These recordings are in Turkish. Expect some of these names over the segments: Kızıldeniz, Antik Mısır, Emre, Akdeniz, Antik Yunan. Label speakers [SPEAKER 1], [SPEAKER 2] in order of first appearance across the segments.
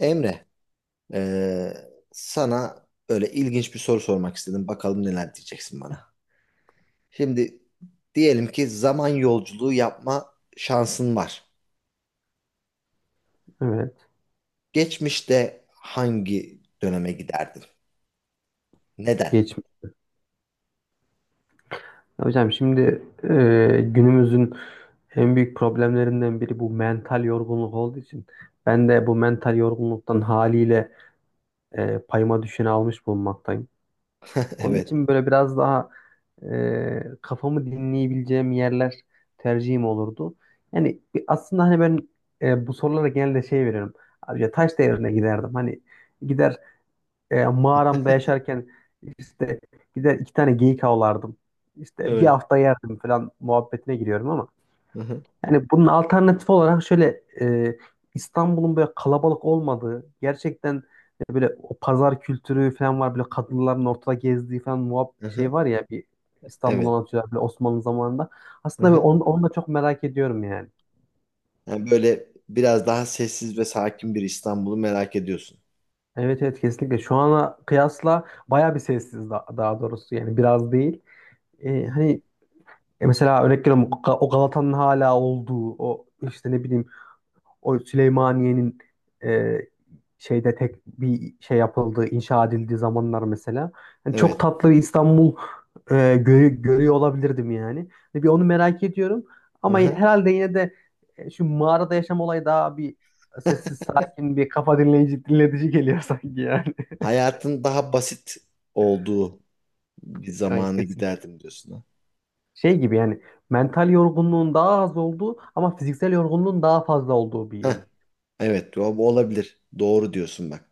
[SPEAKER 1] Emre, sana böyle ilginç bir soru sormak istedim. Bakalım neler diyeceksin bana. Şimdi diyelim ki zaman yolculuğu yapma şansın var.
[SPEAKER 2] Evet.
[SPEAKER 1] Geçmişte hangi döneme giderdin? Neden?
[SPEAKER 2] Geçmiş. Hocam şimdi, günümüzün en büyük problemlerinden biri bu mental yorgunluk olduğu için ben de bu mental yorgunluktan haliyle payıma düşeni almış bulunmaktayım. Onun
[SPEAKER 1] Evet.
[SPEAKER 2] için böyle biraz daha kafamı dinleyebileceğim yerler tercihim olurdu. Yani aslında hani ben bu sorulara genelde şey veriyorum. Abi ya taş devrine giderdim. Hani gider mağaramda yaşarken işte gider 2 tane geyik avlardım. İşte bir
[SPEAKER 1] Evet.
[SPEAKER 2] hafta yerdim falan muhabbetine giriyorum ama
[SPEAKER 1] Hı hı.
[SPEAKER 2] yani bunun alternatif olarak şöyle İstanbul'un böyle kalabalık olmadığı, gerçekten böyle o pazar kültürü falan var, böyle kadınların ortada gezdiği falan
[SPEAKER 1] Hı
[SPEAKER 2] şey
[SPEAKER 1] hı.
[SPEAKER 2] var ya, bir İstanbul'u
[SPEAKER 1] Evet.
[SPEAKER 2] anlatıyorlar böyle Osmanlı zamanında.
[SPEAKER 1] Hı
[SPEAKER 2] Aslında bir
[SPEAKER 1] hı.
[SPEAKER 2] onu da çok merak ediyorum yani.
[SPEAKER 1] Yani böyle biraz daha sessiz ve sakin bir İstanbul'u merak ediyorsun.
[SPEAKER 2] Evet, evet, kesinlikle şu ana kıyasla baya bir sessiz, daha doğrusu, yani biraz değil.
[SPEAKER 1] Hı hı.
[SPEAKER 2] Hani, mesela örnek veriyorum, o Galata'nın hala olduğu, o işte ne bileyim, o Süleymaniye'nin e, şeyde tek bir şey yapıldığı, inşa edildiği zamanlar mesela. Yani çok
[SPEAKER 1] Evet.
[SPEAKER 2] tatlı bir İstanbul görüyor olabilirdim yani. Ve bir onu merak ediyorum
[SPEAKER 1] Hı
[SPEAKER 2] ama
[SPEAKER 1] hı.
[SPEAKER 2] herhalde yine de şu mağarada yaşam olayı daha bir sessiz sakin, bir kafa dinleyici dinletici geliyor sanki yani.
[SPEAKER 1] Hayatın daha basit olduğu bir
[SPEAKER 2] Evet,
[SPEAKER 1] zamana
[SPEAKER 2] kesin.
[SPEAKER 1] giderdim diyorsun.
[SPEAKER 2] Şey gibi yani, mental yorgunluğun daha az olduğu ama fiziksel yorgunluğun daha fazla olduğu bir yıl.
[SPEAKER 1] Ha. Evet, bu olabilir. Doğru diyorsun bak.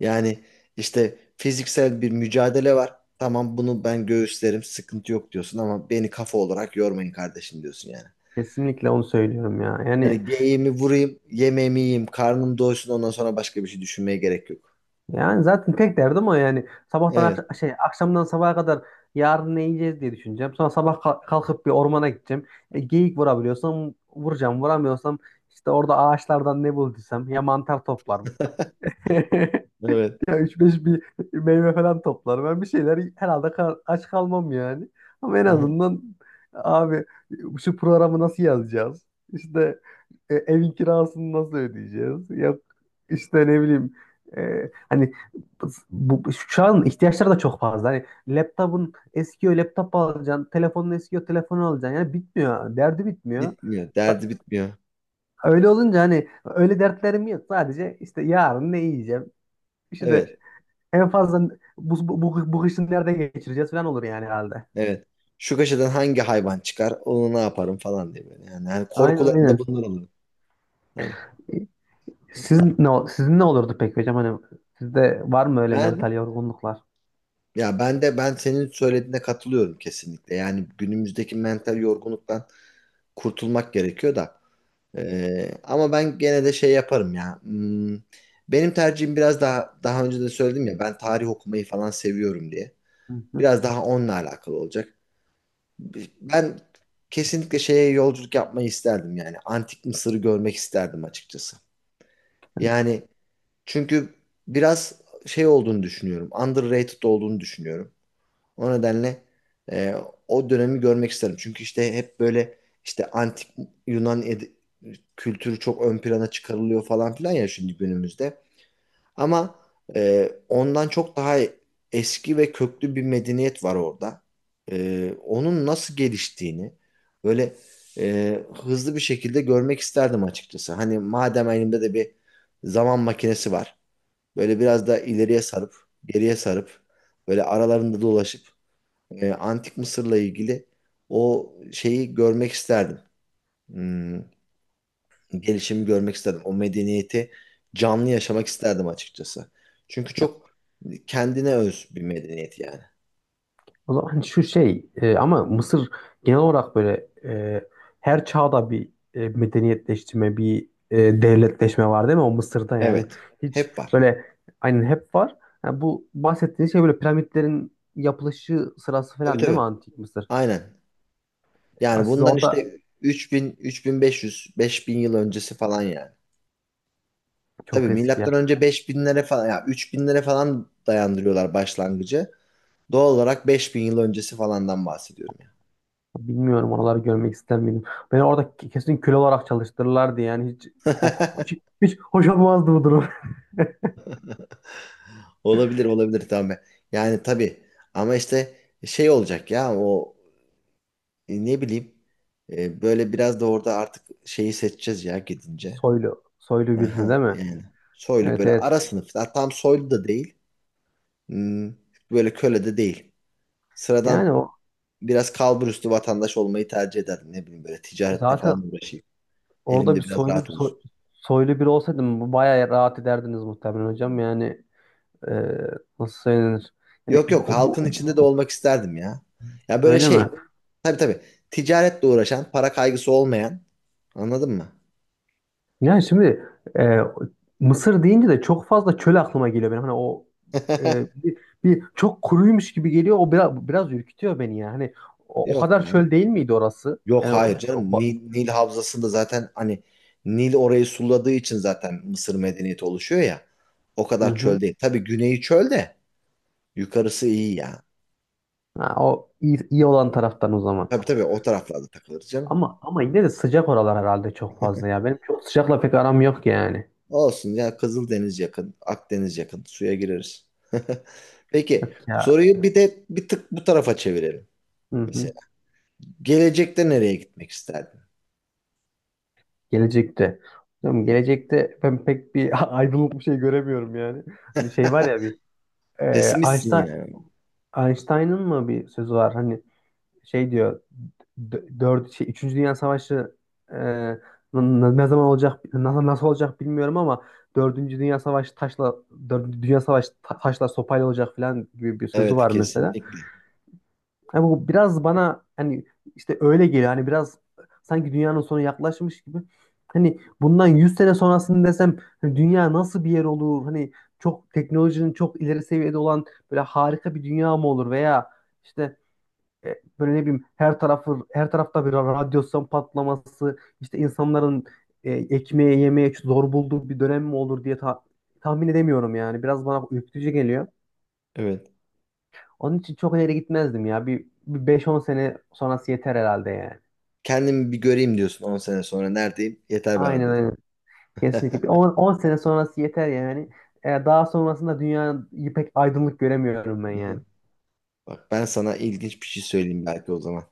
[SPEAKER 1] Yani işte fiziksel bir mücadele var. Tamam, bunu ben göğüslerim, sıkıntı yok diyorsun, ama beni kafa olarak yormayın kardeşim diyorsun yani.
[SPEAKER 2] Kesinlikle onu söylüyorum ya. Yani
[SPEAKER 1] Hani geyiğimi vurayım, yemeğimi yiyeyim, karnım doysun, ondan sonra başka bir şey düşünmeye gerek yok.
[SPEAKER 2] yani zaten tek derdim o yani. Sabahtan
[SPEAKER 1] Evet,
[SPEAKER 2] akş- şey Akşamdan sabaha kadar yarın ne yiyeceğiz diye düşüneceğim. Sonra sabah kalkıp bir ormana gideceğim. Geyik vurabiliyorsam vuracağım. Vuramıyorsam işte orada ağaçlardan ne bulduysam, ya mantar toplarım.
[SPEAKER 1] evet.
[SPEAKER 2] Ya 3-5 bir meyve falan toplar. Ben bir şeyler herhalde, aç kalmam yani. Ama en
[SPEAKER 1] Hı-hı.
[SPEAKER 2] azından abi, şu programı nasıl yazacağız? İşte evin kirasını nasıl ödeyeceğiz? Yok işte ne bileyim, hani şu an ihtiyaçlar da çok fazla. Hani laptopun eskiyor, laptop alacaksın. Telefonun eskiyor, telefonu alacaksın. Yani bitmiyor. Derdi bitmiyor.
[SPEAKER 1] Bitmiyor,
[SPEAKER 2] Sa-
[SPEAKER 1] derdi bitmiyor.
[SPEAKER 2] Öyle olunca hani öyle dertlerim yok. Sadece işte yarın ne yiyeceğim? İşte
[SPEAKER 1] Evet,
[SPEAKER 2] en fazla bu kışın nerede geçireceğiz falan olur yani herhalde.
[SPEAKER 1] evet. Şu köşeden hangi hayvan çıkar, onu ne yaparım falan diye böyle. Yani,
[SPEAKER 2] Aynen,
[SPEAKER 1] korkularım da
[SPEAKER 2] aynen.
[SPEAKER 1] bunlar oluyor. Hani.
[SPEAKER 2] Siz
[SPEAKER 1] Ha-
[SPEAKER 2] ne, sizin ne olurdu peki hocam? Hani sizde var mı öyle mental
[SPEAKER 1] ben
[SPEAKER 2] yorgunluklar?
[SPEAKER 1] Ya, ben de ben senin söylediğine katılıyorum kesinlikle. Yani günümüzdeki mental yorgunluktan kurtulmak gerekiyor da. Ama ben gene de şey yaparım ya. Benim tercihim, biraz daha daha önce de söyledim ya, ben tarih okumayı falan seviyorum diye.
[SPEAKER 2] Hı hı.
[SPEAKER 1] Biraz daha onunla alakalı olacak. Ben kesinlikle şeye yolculuk yapmayı isterdim yani. Antik Mısır'ı görmek isterdim açıkçası. Yani, çünkü biraz şey olduğunu düşünüyorum. Underrated olduğunu düşünüyorum. O nedenle e, o dönemi görmek isterim. Çünkü işte hep böyle işte antik Yunan kültürü çok ön plana çıkarılıyor falan filan ya şimdi günümüzde. Ama ondan çok daha eski ve köklü bir medeniyet var orada. Onun nasıl geliştiğini böyle hızlı bir şekilde görmek isterdim açıkçası. Hani madem elimde de bir zaman makinesi var. Böyle biraz da ileriye sarıp, geriye sarıp, böyle aralarında dolaşıp Antik Mısır'la ilgili o şeyi görmek isterdim. Hmm, gelişimi görmek isterdim. O medeniyeti canlı yaşamak isterdim açıkçası. Çünkü
[SPEAKER 2] Ya,
[SPEAKER 1] çok kendine öz bir medeniyet yani.
[SPEAKER 2] o zaman hani şu şey, ama Mısır genel olarak böyle, her çağda bir medeniyetleştirme, bir devletleşme var, değil mi? O Mısır'da yani
[SPEAKER 1] Evet.
[SPEAKER 2] hiç
[SPEAKER 1] Hep var.
[SPEAKER 2] böyle, aynen, hep var. Ha, bu bahsettiğiniz şey böyle piramitlerin yapılışı sırası
[SPEAKER 1] Tabii,
[SPEAKER 2] falan, değil mi
[SPEAKER 1] tabii.
[SPEAKER 2] Antik Mısır?
[SPEAKER 1] Aynen.
[SPEAKER 2] Ya
[SPEAKER 1] Yani
[SPEAKER 2] siz
[SPEAKER 1] bundan
[SPEAKER 2] orada,
[SPEAKER 1] işte 3000, 3500, 5000 yıl öncesi falan yani.
[SPEAKER 2] çok
[SPEAKER 1] Tabii
[SPEAKER 2] eski ya.
[SPEAKER 1] milattan önce 5000'lere falan ya 3000'lere falan dayandırıyorlar başlangıcı. Doğal olarak 5000 yıl öncesi falandan bahsediyorum.
[SPEAKER 2] Bilmiyorum, oraları görmek ister miydim? Beni orada kesin köle olarak çalıştırırlardı yani, hiç hiç hoş olmazdı bu durum.
[SPEAKER 1] Olabilir, olabilir, tamam. Yani tabii, ama işte şey olacak ya o ne bileyim böyle biraz da orada artık şeyi seçeceğiz ya gidince.
[SPEAKER 2] Soylu, soylu birini değil
[SPEAKER 1] Aha,
[SPEAKER 2] mi?
[SPEAKER 1] yani soylu,
[SPEAKER 2] Evet,
[SPEAKER 1] böyle
[SPEAKER 2] evet.
[SPEAKER 1] ara sınıf. Ha, tam soylu da değil. Hmm, böyle köle de değil.
[SPEAKER 2] Yani
[SPEAKER 1] Sıradan,
[SPEAKER 2] o
[SPEAKER 1] biraz kalburüstü vatandaş olmayı tercih ederdim, ne bileyim, böyle ticarette falan
[SPEAKER 2] zaten
[SPEAKER 1] uğraşayım.
[SPEAKER 2] orada bir
[SPEAKER 1] Elimde biraz
[SPEAKER 2] soylu
[SPEAKER 1] rahat
[SPEAKER 2] bir
[SPEAKER 1] olsun.
[SPEAKER 2] soy- soylu biri olsaydım bayağı rahat ederdiniz muhtemelen hocam. Yani e, nasıl söylenir? Yani
[SPEAKER 1] Yok, yok, halkın içinde de
[SPEAKER 2] bu-
[SPEAKER 1] olmak isterdim ya. Ya böyle
[SPEAKER 2] öyle
[SPEAKER 1] şey,
[SPEAKER 2] mi?
[SPEAKER 1] tabii, tabii, ticaretle uğraşan, para kaygısı olmayan, anladın mı?
[SPEAKER 2] Yani şimdi e, Mısır deyince de çok fazla çöl aklıma geliyor benim. Hani o e, bir, bir çok kuruymuş gibi geliyor. O biraz ürkütüyor beni ya. Hani o
[SPEAKER 1] Yok
[SPEAKER 2] kadar
[SPEAKER 1] yani.
[SPEAKER 2] çöl değil miydi orası?
[SPEAKER 1] Yok,
[SPEAKER 2] Yani
[SPEAKER 1] hayır canım. Nil, Havzası'nda zaten hani Nil orayı suladığı için zaten Mısır medeniyeti oluşuyor ya. O
[SPEAKER 2] hı
[SPEAKER 1] kadar çöl
[SPEAKER 2] hı.
[SPEAKER 1] değil. Tabii güneyi çöl de yukarısı iyi ya.
[SPEAKER 2] Ha, o iyi, iyi olan taraftan o zaman.
[SPEAKER 1] Tabii, tabii, o taraflarda takılırız canım.
[SPEAKER 2] Ama yine de sıcak oralar herhalde çok fazla ya. Benim çok sıcakla pek aram yok yani.
[SPEAKER 1] Olsun ya, Kızıldeniz yakın, Akdeniz yakın. Suya gireriz. Peki,
[SPEAKER 2] Yok ya.
[SPEAKER 1] soruyu bir de bir tık bu tarafa çevirelim.
[SPEAKER 2] Hı
[SPEAKER 1] Mesela
[SPEAKER 2] hı.
[SPEAKER 1] gelecekte nereye gitmek isterdin?
[SPEAKER 2] Gelecekte. Hocam
[SPEAKER 1] Hı?
[SPEAKER 2] gelecekte ben pek bir aydınlık bir şey göremiyorum yani. Bir şey var ya, bir e,
[SPEAKER 1] Pesimistsin
[SPEAKER 2] Einstein,
[SPEAKER 1] yani.
[SPEAKER 2] Einstein'ın mı bir sözü var hani, şey diyor, Üçüncü Dünya Savaşı e, n- ne zaman olacak, nasıl olacak bilmiyorum ama Dördüncü Dünya Savaşı taşla Dördüncü Dünya Savaşı ta- taşla sopayla olacak falan gibi bir sözü
[SPEAKER 1] Evet,
[SPEAKER 2] var mesela.
[SPEAKER 1] kesinlikle.
[SPEAKER 2] Yani bu biraz bana, hani işte öyle geliyor. Hani biraz sanki dünyanın sonu yaklaşmış gibi. Hani bundan 100 sene sonrasını desem, hani dünya nasıl bir yer olur? Hani çok teknolojinin çok ileri seviyede olan böyle harika bir dünya mı olur, veya işte böyle ne bileyim, her tarafı, her tarafta bir radyasyon patlaması, işte insanların ekmeğe yemeye zor bulduğu bir dönem mi olur diye tahmin edemiyorum yani. Biraz bana ürkütücü geliyor.
[SPEAKER 1] Evet.
[SPEAKER 2] Onun için çok ileri gitmezdim ya. Bir beş on sene sonrası yeter herhalde yani.
[SPEAKER 1] Kendimi bir göreyim diyorsun. 10 sene sonra neredeyim? Yeter bana
[SPEAKER 2] Aynen,
[SPEAKER 1] diyorsun.
[SPEAKER 2] aynen. Kesinlikle. Bir on sene sonrası yeter yani. Daha sonrasında dünyayı pek aydınlık göremiyorum ben
[SPEAKER 1] Hı
[SPEAKER 2] yani.
[SPEAKER 1] hı. Bak, ben sana ilginç bir şey söyleyeyim belki o zaman.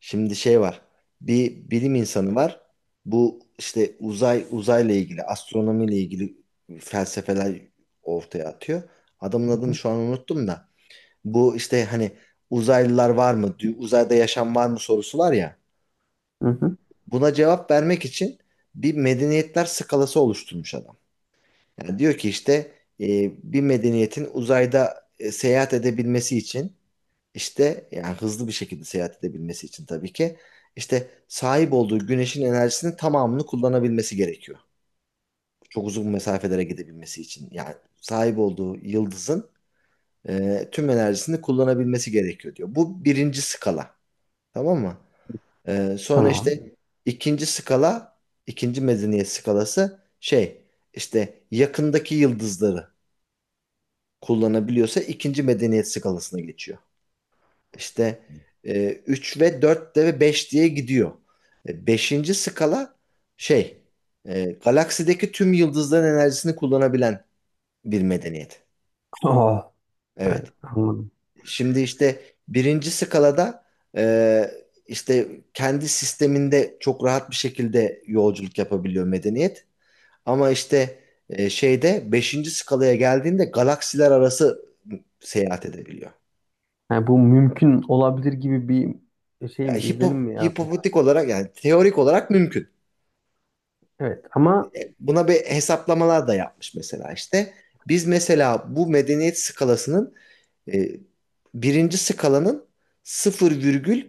[SPEAKER 1] Şimdi şey var. Bir bilim insanı var. Bu işte uzayla ilgili, astronomiyle ilgili felsefeler ortaya atıyor. Adamın
[SPEAKER 2] Hı
[SPEAKER 1] adını
[SPEAKER 2] hı.
[SPEAKER 1] şu an unuttum da. Bu işte hani uzaylılar var mı, uzayda yaşam var mı sorusu var ya.
[SPEAKER 2] Hı hı.
[SPEAKER 1] Buna cevap vermek için bir medeniyetler skalası oluşturmuş adam. Yani diyor ki işte bir medeniyetin uzayda seyahat edebilmesi için, işte yani hızlı bir şekilde seyahat edebilmesi için tabii ki işte sahip olduğu güneşin enerjisinin tamamını kullanabilmesi gerekiyor. Çok uzun mesafelere gidebilmesi için. Yani sahip olduğu yıldızın tüm enerjisini kullanabilmesi gerekiyor diyor. Bu birinci skala. Tamam mı? Sonra
[SPEAKER 2] Tamam.
[SPEAKER 1] işte ikinci skala, ikinci medeniyet skalası şey, işte yakındaki yıldızları kullanabiliyorsa ikinci medeniyet skalasına geçiyor. İşte 3 ve 4 de ve 5 diye gidiyor. Beşinci skala şey, galaksideki tüm yıldızların enerjisini kullanabilen bir medeniyet.
[SPEAKER 2] Oh, evet,
[SPEAKER 1] Evet.
[SPEAKER 2] anladım.
[SPEAKER 1] Şimdi işte birinci skalada e, işte kendi sisteminde çok rahat bir şekilde yolculuk yapabiliyor medeniyet. Ama işte şeyde beşinci skalaya geldiğinde galaksiler arası seyahat edebiliyor.
[SPEAKER 2] Yani bu mümkün olabilir gibi bir
[SPEAKER 1] Ya
[SPEAKER 2] şey mi, izlenim mi yaratmıştır?
[SPEAKER 1] hipotetik olarak, yani teorik olarak mümkün.
[SPEAKER 2] Evet ama,
[SPEAKER 1] Buna bir hesaplamalar da yapmış mesela işte. Biz mesela bu medeniyet skalasının, e, birinci skalanın, 0 virgül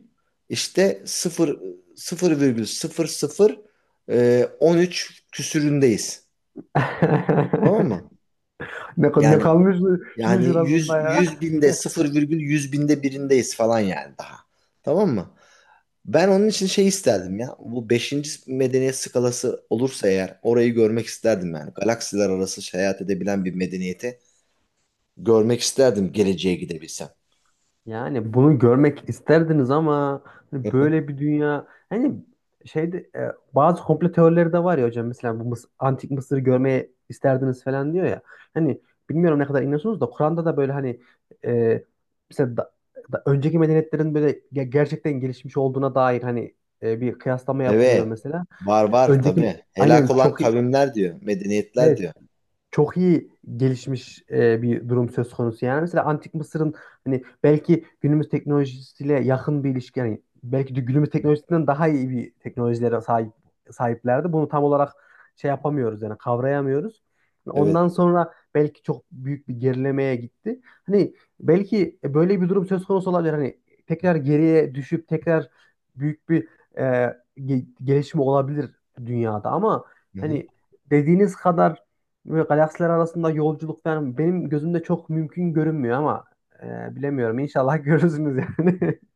[SPEAKER 1] işte 0 0 virgül 00 13 küsüründeyiz. Tamam mı?
[SPEAKER 2] ne
[SPEAKER 1] Yani
[SPEAKER 2] kalmış şunun
[SPEAKER 1] yani,
[SPEAKER 2] şurasında
[SPEAKER 1] 100
[SPEAKER 2] ya.
[SPEAKER 1] 100 binde 0 virgül 100 binde birindeyiz falan yani daha. Tamam mı? Ben onun için şey isterdim ya. Bu beşinci medeniyet skalası olursa eğer orayı görmek isterdim yani. Galaksiler arası seyahat edebilen bir medeniyeti görmek isterdim geleceğe gidebilsem.
[SPEAKER 2] Yani bunu görmek isterdiniz ama, hani böyle bir dünya, hani şeyde, bazı komplo teorileri de var ya hocam, mesela bu antik Mısır'ı görmeye isterdiniz falan diyor ya. Hani bilmiyorum ne kadar inanıyorsunuz da Kur'an'da da böyle hani, e, mesela da önceki medeniyetlerin böyle gerçekten gelişmiş olduğuna dair hani bir kıyaslama yapılıyor
[SPEAKER 1] Evet.
[SPEAKER 2] mesela.
[SPEAKER 1] Var, var
[SPEAKER 2] Önceki,
[SPEAKER 1] tabii. Helak
[SPEAKER 2] aynen,
[SPEAKER 1] olan
[SPEAKER 2] çok iyi.
[SPEAKER 1] kavimler diyor. Medeniyetler
[SPEAKER 2] Evet,
[SPEAKER 1] diyor.
[SPEAKER 2] çok iyi gelişmiş bir durum söz konusu. Yani mesela Antik Mısır'ın hani belki günümüz teknolojisiyle yakın bir ilişki, yani belki de günümüz teknolojisinden daha iyi bir teknolojilere sahiplerdi. Bunu tam olarak şey yapamıyoruz yani kavrayamıyoruz.
[SPEAKER 1] Evet.
[SPEAKER 2] Ondan sonra belki çok büyük bir gerilemeye gitti. Hani belki böyle bir durum söz konusu olabilir. Hani tekrar geriye düşüp tekrar büyük bir e, gelişme olabilir dünyada ama,
[SPEAKER 1] Hı hı.
[SPEAKER 2] hani dediğiniz kadar böyle galaksiler arasında yolculuk falan benim gözümde çok mümkün görünmüyor ama bilemiyorum. İnşallah görürsünüz yani.